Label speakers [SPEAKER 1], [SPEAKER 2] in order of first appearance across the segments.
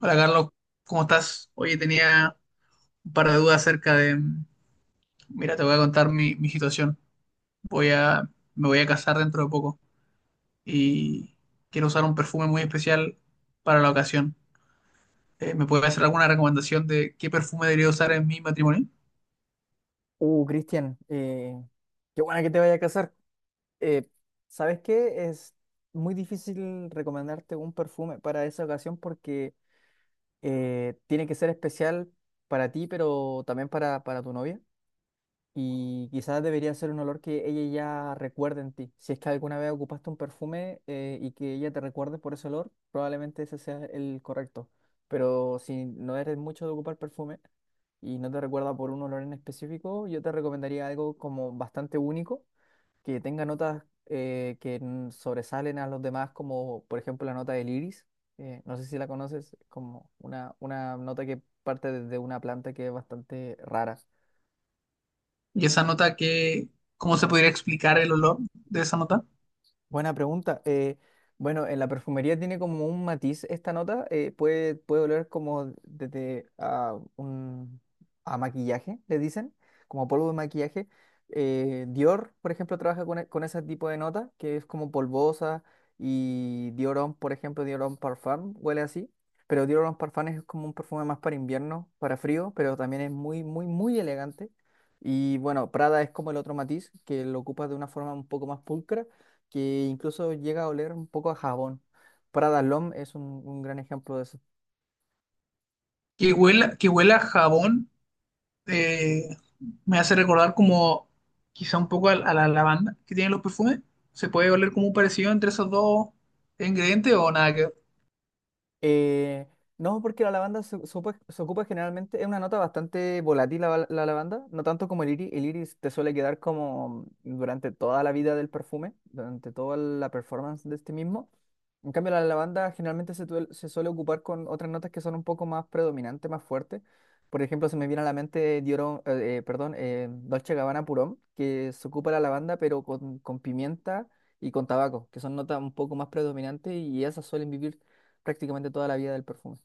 [SPEAKER 1] Hola Carlos, ¿cómo estás? Oye, tenía un par de dudas acerca de... Mira, te voy a contar mi situación. Voy a, Me voy a casar dentro de poco y quiero usar un perfume muy especial para la ocasión. ¿me puedes hacer alguna recomendación de qué perfume debería usar en mi matrimonio?
[SPEAKER 2] Cristian, qué buena que te vaya a casar. Eh, ¿Sabes qué? Es muy difícil recomendarte un perfume para esa ocasión porque tiene que ser especial para ti, pero también para tu novia. Y quizás debería ser un olor que ella ya recuerde en ti. Si es que alguna vez ocupaste un perfume y que ella te recuerde por ese olor, probablemente ese sea el correcto. Pero si no eres mucho de ocupar perfume y no te recuerda por un olor en específico, yo te recomendaría algo como bastante único, que tenga notas sobresalen a los demás, como por ejemplo la nota del iris. No sé si la conoces, como una nota que parte de una planta que es bastante rara.
[SPEAKER 1] Y esa nota, que, ¿cómo se podría explicar el olor de esa nota?
[SPEAKER 2] Buena pregunta. Bueno, en la perfumería tiene como un matiz esta nota. Puede oler como a maquillaje, le dicen, como polvo de maquillaje. Dior, por ejemplo, trabaja con ese tipo de nota, que es como polvosa. Y Dior Homme, por ejemplo, Dior Homme Parfum, huele así. Pero Dior Homme Parfum es como un perfume más para invierno, para frío, pero también es muy, muy, muy elegante. Y bueno, Prada es como el otro matiz, que lo ocupa de una forma un poco más pulcra, que incluso llega a oler un poco a jabón. Prada L'Homme es un gran ejemplo de eso.
[SPEAKER 1] Que huela a jabón eh, me hace recordar como quizá un poco a la lavanda que tienen los perfumes. ¿Se puede oler como un parecido entre esos dos ingredientes o nada que ver?
[SPEAKER 2] Eh, no, porque la lavanda se ocupa generalmente, es una nota bastante volátil la lavanda, no tanto como el iris. El iris te suele quedar como durante toda la vida del perfume, durante toda la performance de este mismo. En cambio, la lavanda generalmente se suele ocupar con otras notas que son un poco más predominantes, más fuertes. Por ejemplo, se me viene a la mente Diorón, perdón, Dolce Gabbana Purón, que se ocupa la lavanda, pero con pimienta y con tabaco, que son notas un poco más predominantes, y esas suelen vivir prácticamente toda la vida del perfume.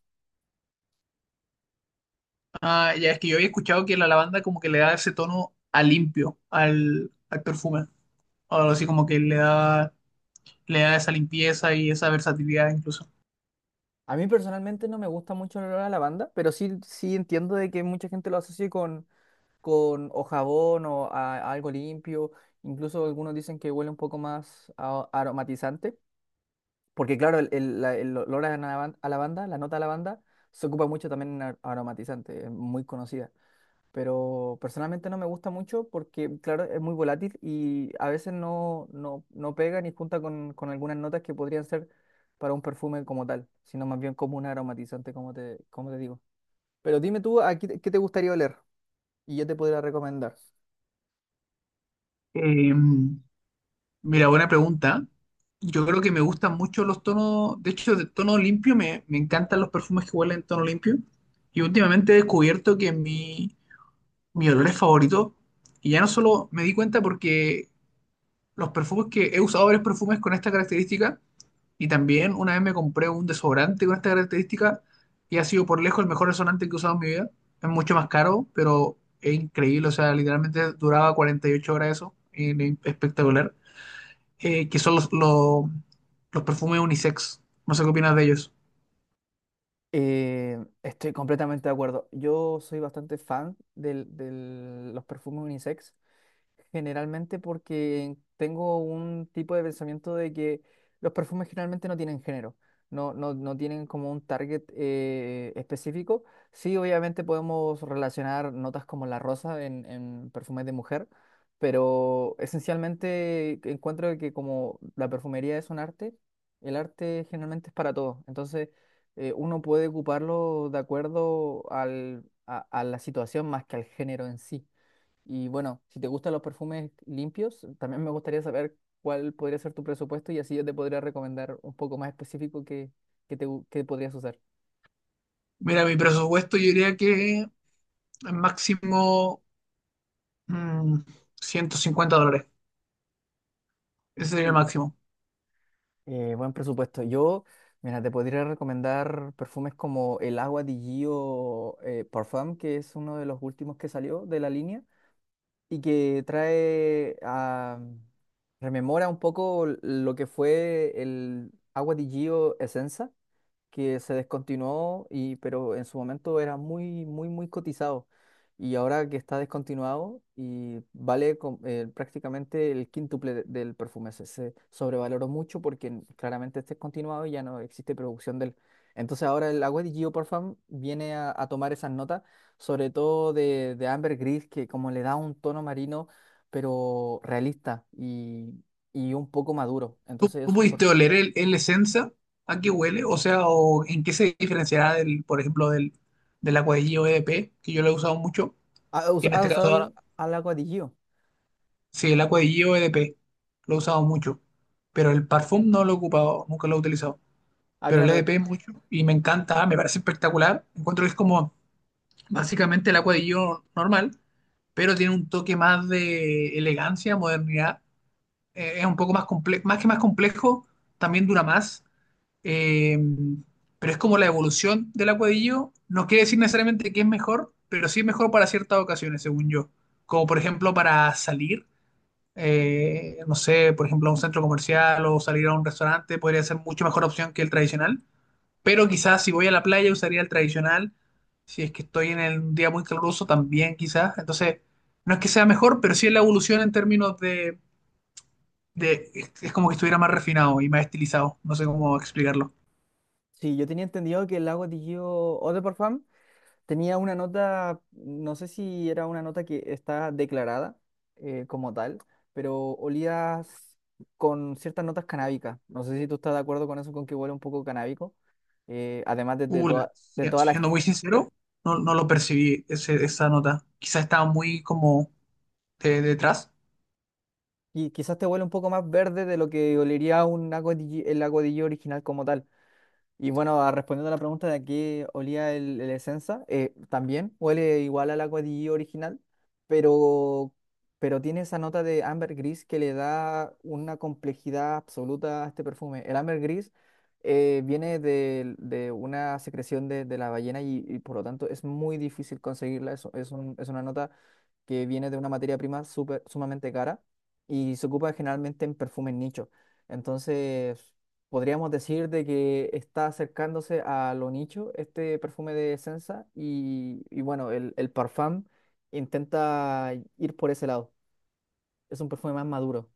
[SPEAKER 1] Ah, ya es que yo había escuchado que la lavanda como que le da ese tono a limpio al perfume. O algo así como que le da esa limpieza y esa versatilidad incluso.
[SPEAKER 2] A mí personalmente no me gusta mucho el olor a lavanda, pero sí, sí entiendo de que mucha gente lo asocie con o jabón o a algo limpio. Incluso algunos dicen que huele un poco más aromatizante. Porque claro, el olor a la banda, la nota a la banda, se ocupa mucho también en aromatizante, es muy conocida. Pero personalmente no me gusta mucho porque, claro, es muy volátil y a veces no pega ni junta con algunas notas que podrían ser para un perfume como tal, sino más bien como un aromatizante, como te digo. Pero dime tú, ¿a qué te gustaría oler? Y yo te podría recomendar.
[SPEAKER 1] Eh, Mira, buena pregunta. Yo creo que me gustan mucho los tonos, de hecho, de tono limpio, me encantan los perfumes que huelen en tono limpio. Y últimamente he descubierto que mis olores favoritos. Y ya no solo me di cuenta porque los perfumes que he usado varios perfumes con esta característica. Y también una vez me compré un desodorante con esta característica y ha sido por lejos el mejor desodorante que he usado en mi vida. Es mucho más caro, pero es increíble. O sea, literalmente duraba 48 horas eso, y es espectacular. Que son Los perfumes unisex. No sé qué opinas de ellos.
[SPEAKER 2] Estoy completamente de acuerdo. Yo soy bastante fan de los perfumes unisex. Generalmente porque tengo un tipo de pensamiento de que los perfumes generalmente no tienen género, no tienen como un target específico. Sí, obviamente podemos relacionar notas como la rosa en perfumes de mujer, pero esencialmente encuentro que como la perfumería es un arte, el arte generalmente es para todos. Entonces uno puede ocuparlo de acuerdo a la situación más que al género en sí. Y bueno, si te gustan los perfumes limpios, también me gustaría saber cuál podría ser tu presupuesto, y así yo te podría recomendar un poco más específico que podrías usar.
[SPEAKER 1] Mira, mi presupuesto yo diría que máximo mm, 150 dólares. Ese sería el
[SPEAKER 2] Mm.
[SPEAKER 1] máximo.
[SPEAKER 2] Buen presupuesto. Mira, te podría recomendar perfumes como el Agua di Gio Parfum, que es uno de los últimos que salió de la línea y que trae a... rememora un poco lo que fue el Agua di Gio Essenza, que se descontinuó, y pero en su momento era muy muy muy cotizado, y ahora que está descontinuado y prácticamente el quíntuple del perfume se sobrevaloró mucho porque claramente está descontinuado y ya no existe producción del, entonces ahora el agua de Geoparfum viene a tomar esas notas sobre todo de ambergris, que como le da un tono marino, pero realista y un poco maduro,
[SPEAKER 1] ¿Tú
[SPEAKER 2] entonces es un
[SPEAKER 1] pudiste oler el esencia? ¿A qué huele? O sea, o ¿en qué se diferenciará del, por ejemplo, del, del agua de Gio EDP, que yo lo he usado mucho?
[SPEAKER 2] ¿Ha
[SPEAKER 1] Y en
[SPEAKER 2] ha
[SPEAKER 1] este
[SPEAKER 2] usado
[SPEAKER 1] caso ahora,
[SPEAKER 2] al agua de Gio?
[SPEAKER 1] sí, el agua de Gio EDP lo he usado mucho. Pero el parfum no lo he ocupado, nunca lo he utilizado.
[SPEAKER 2] Ah,
[SPEAKER 1] Pero el
[SPEAKER 2] claro.
[SPEAKER 1] EDP mucho y me encanta, me parece espectacular. Encuentro que es como básicamente el agua de Gio normal, pero tiene un toque más de elegancia, modernidad. Es un poco más complejo, más complejo, también dura más. Eh, pero es como la evolución del acuadillo. No quiere decir necesariamente que es mejor, pero sí es mejor para ciertas ocasiones, según yo. Como por ejemplo para salir, no sé, por ejemplo a un centro comercial o salir a un restaurante podría ser mucho mejor opción que el tradicional. Pero quizás si voy a la playa usaría el tradicional. Si es que estoy en el- un día muy caluroso también quizás. Entonces, no es que sea mejor, pero sí es la evolución en términos de- es como que estuviera más refinado y más estilizado. No sé cómo explicarlo.
[SPEAKER 2] Sí, yo tenía entendido que el lago Digio Eau de Parfum tenía una nota, no sé si era una nota que está declarada como tal, pero olía con ciertas notas canábicas. No sé si tú estás de acuerdo con eso, con que huele un poco canábico. Además de toda la...
[SPEAKER 1] Siendo muy sincero, no, no lo percibí esa nota. Quizás estaba muy como detrás.
[SPEAKER 2] Y quizás te huele un poco más verde de lo que olería un el lago Digio original como tal. Y bueno, respondiendo a la pregunta de a qué olía el Essenza, también huele igual al Agua di original, pero, pero tiene esa nota de ambergris que le da una complejidad absoluta a este perfume. El ambergris viene de una secreción de la ballena, y por lo tanto es muy difícil conseguirla. Es una nota que viene de una materia prima sumamente cara, y se ocupa generalmente en perfumes nicho. Entonces, podríamos decir de que está acercándose a lo nicho este perfume de Senza, y bueno, el Parfum intenta ir por ese lado. Es un perfume más maduro.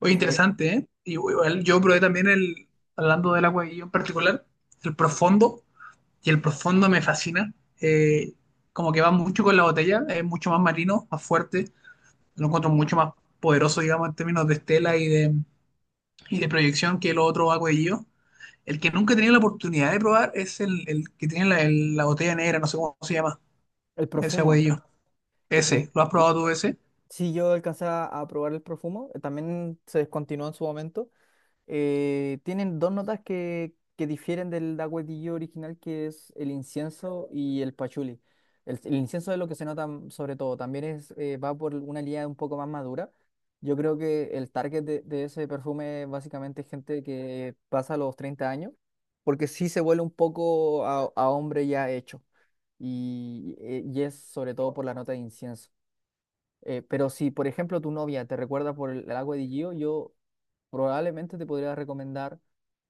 [SPEAKER 1] Oye,
[SPEAKER 2] Eh,
[SPEAKER 1] interesante, ¿eh? Y, igual yo probé también el, Hablando del agua y yo en particular, el profundo. Y el profundo me fascina. Eh, Como que va mucho con la botella, es mucho más marino, más fuerte. Lo encuentro mucho más poderoso, digamos, en términos de estela y de proyección que el otro agua y yo. El que nunca he tenido la oportunidad de probar es el que tiene la botella negra, no sé cómo se llama,
[SPEAKER 2] el
[SPEAKER 1] ese agua.
[SPEAKER 2] profumo, el pro-
[SPEAKER 1] Ese, ¿lo has
[SPEAKER 2] el-
[SPEAKER 1] probado tú ese?
[SPEAKER 2] sí yo alcancé a probar el profumo, también se descontinuó en su momento. Tienen dos notas que difieren del dagüetillo original, que es el incienso y el pachuli. El incienso es lo que se nota sobre todo, también es, va por una línea un poco más madura. Yo creo que el target de ese perfume es básicamente gente que pasa los 30 años, porque sí se vuelve un poco a hombre ya hecho, y es sobre todo por la nota de incienso. Pero si, por ejemplo, tu novia te recuerda por agua de Gio, yo probablemente te podría recomendar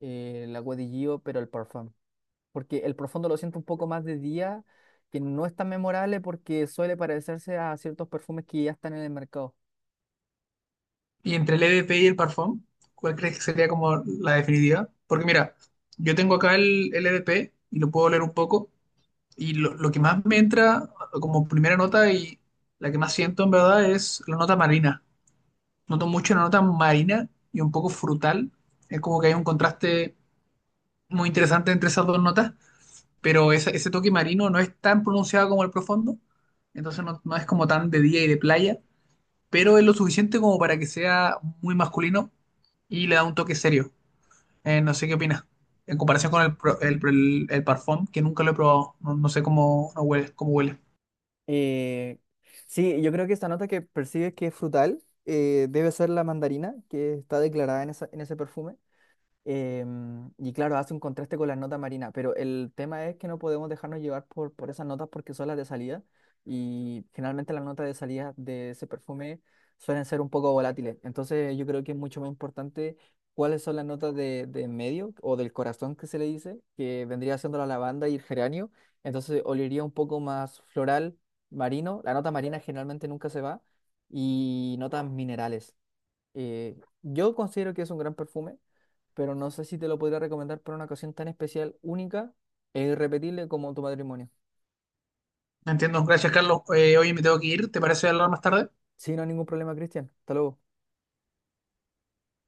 [SPEAKER 2] la Agua de Gio, pero el Parfum. Porque el profundo lo siento un poco más de día, que no es tan memorable porque suele parecerse a ciertos perfumes que ya están en el mercado.
[SPEAKER 1] Y entre el EDP y el Parfum, ¿cuál crees que sería como la definitiva? Porque mira, yo tengo acá el EDP y lo puedo leer un poco y lo que más me entra como primera nota y la que más siento en verdad es la nota marina. Noto mucho la nota marina y un poco frutal. Es como que hay un contraste muy interesante entre esas dos notas, pero ese toque marino no es tan pronunciado como el profundo, entonces no, no es como tan de día y de playa, pero es lo suficiente como para que sea muy masculino y le da un toque serio. No sé qué opinas. En comparación con el, pro- el parfum, que nunca lo he probado. No, no sé cómo, no huele, cómo huele.
[SPEAKER 2] Eh, sí, yo creo que esta nota que percibes que es frutal debe ser la mandarina que está declarada en en ese perfume. Y claro, hace un contraste con las notas marinas, pero el tema es que no podemos dejarnos llevar por esas notas porque son las de salida, y generalmente las notas de salida de ese perfume suelen ser un poco volátiles. Entonces yo creo que es mucho más importante cuáles son las notas de en medio o del corazón, que se le dice, que vendría siendo la lavanda y el geranio. Entonces olería un poco más floral, marino. La nota marina generalmente nunca se va, y notas minerales. Eh, yo considero que es un gran perfume, pero no sé si te lo podría recomendar para una ocasión tan especial, única e irrepetible como tu matrimonio.
[SPEAKER 1] No entiendo. Gracias, Carlos. Oye, me tengo que ir. ¿Te parece hablar más tarde?
[SPEAKER 2] Sin ningún problema, Cristian. Hasta luego.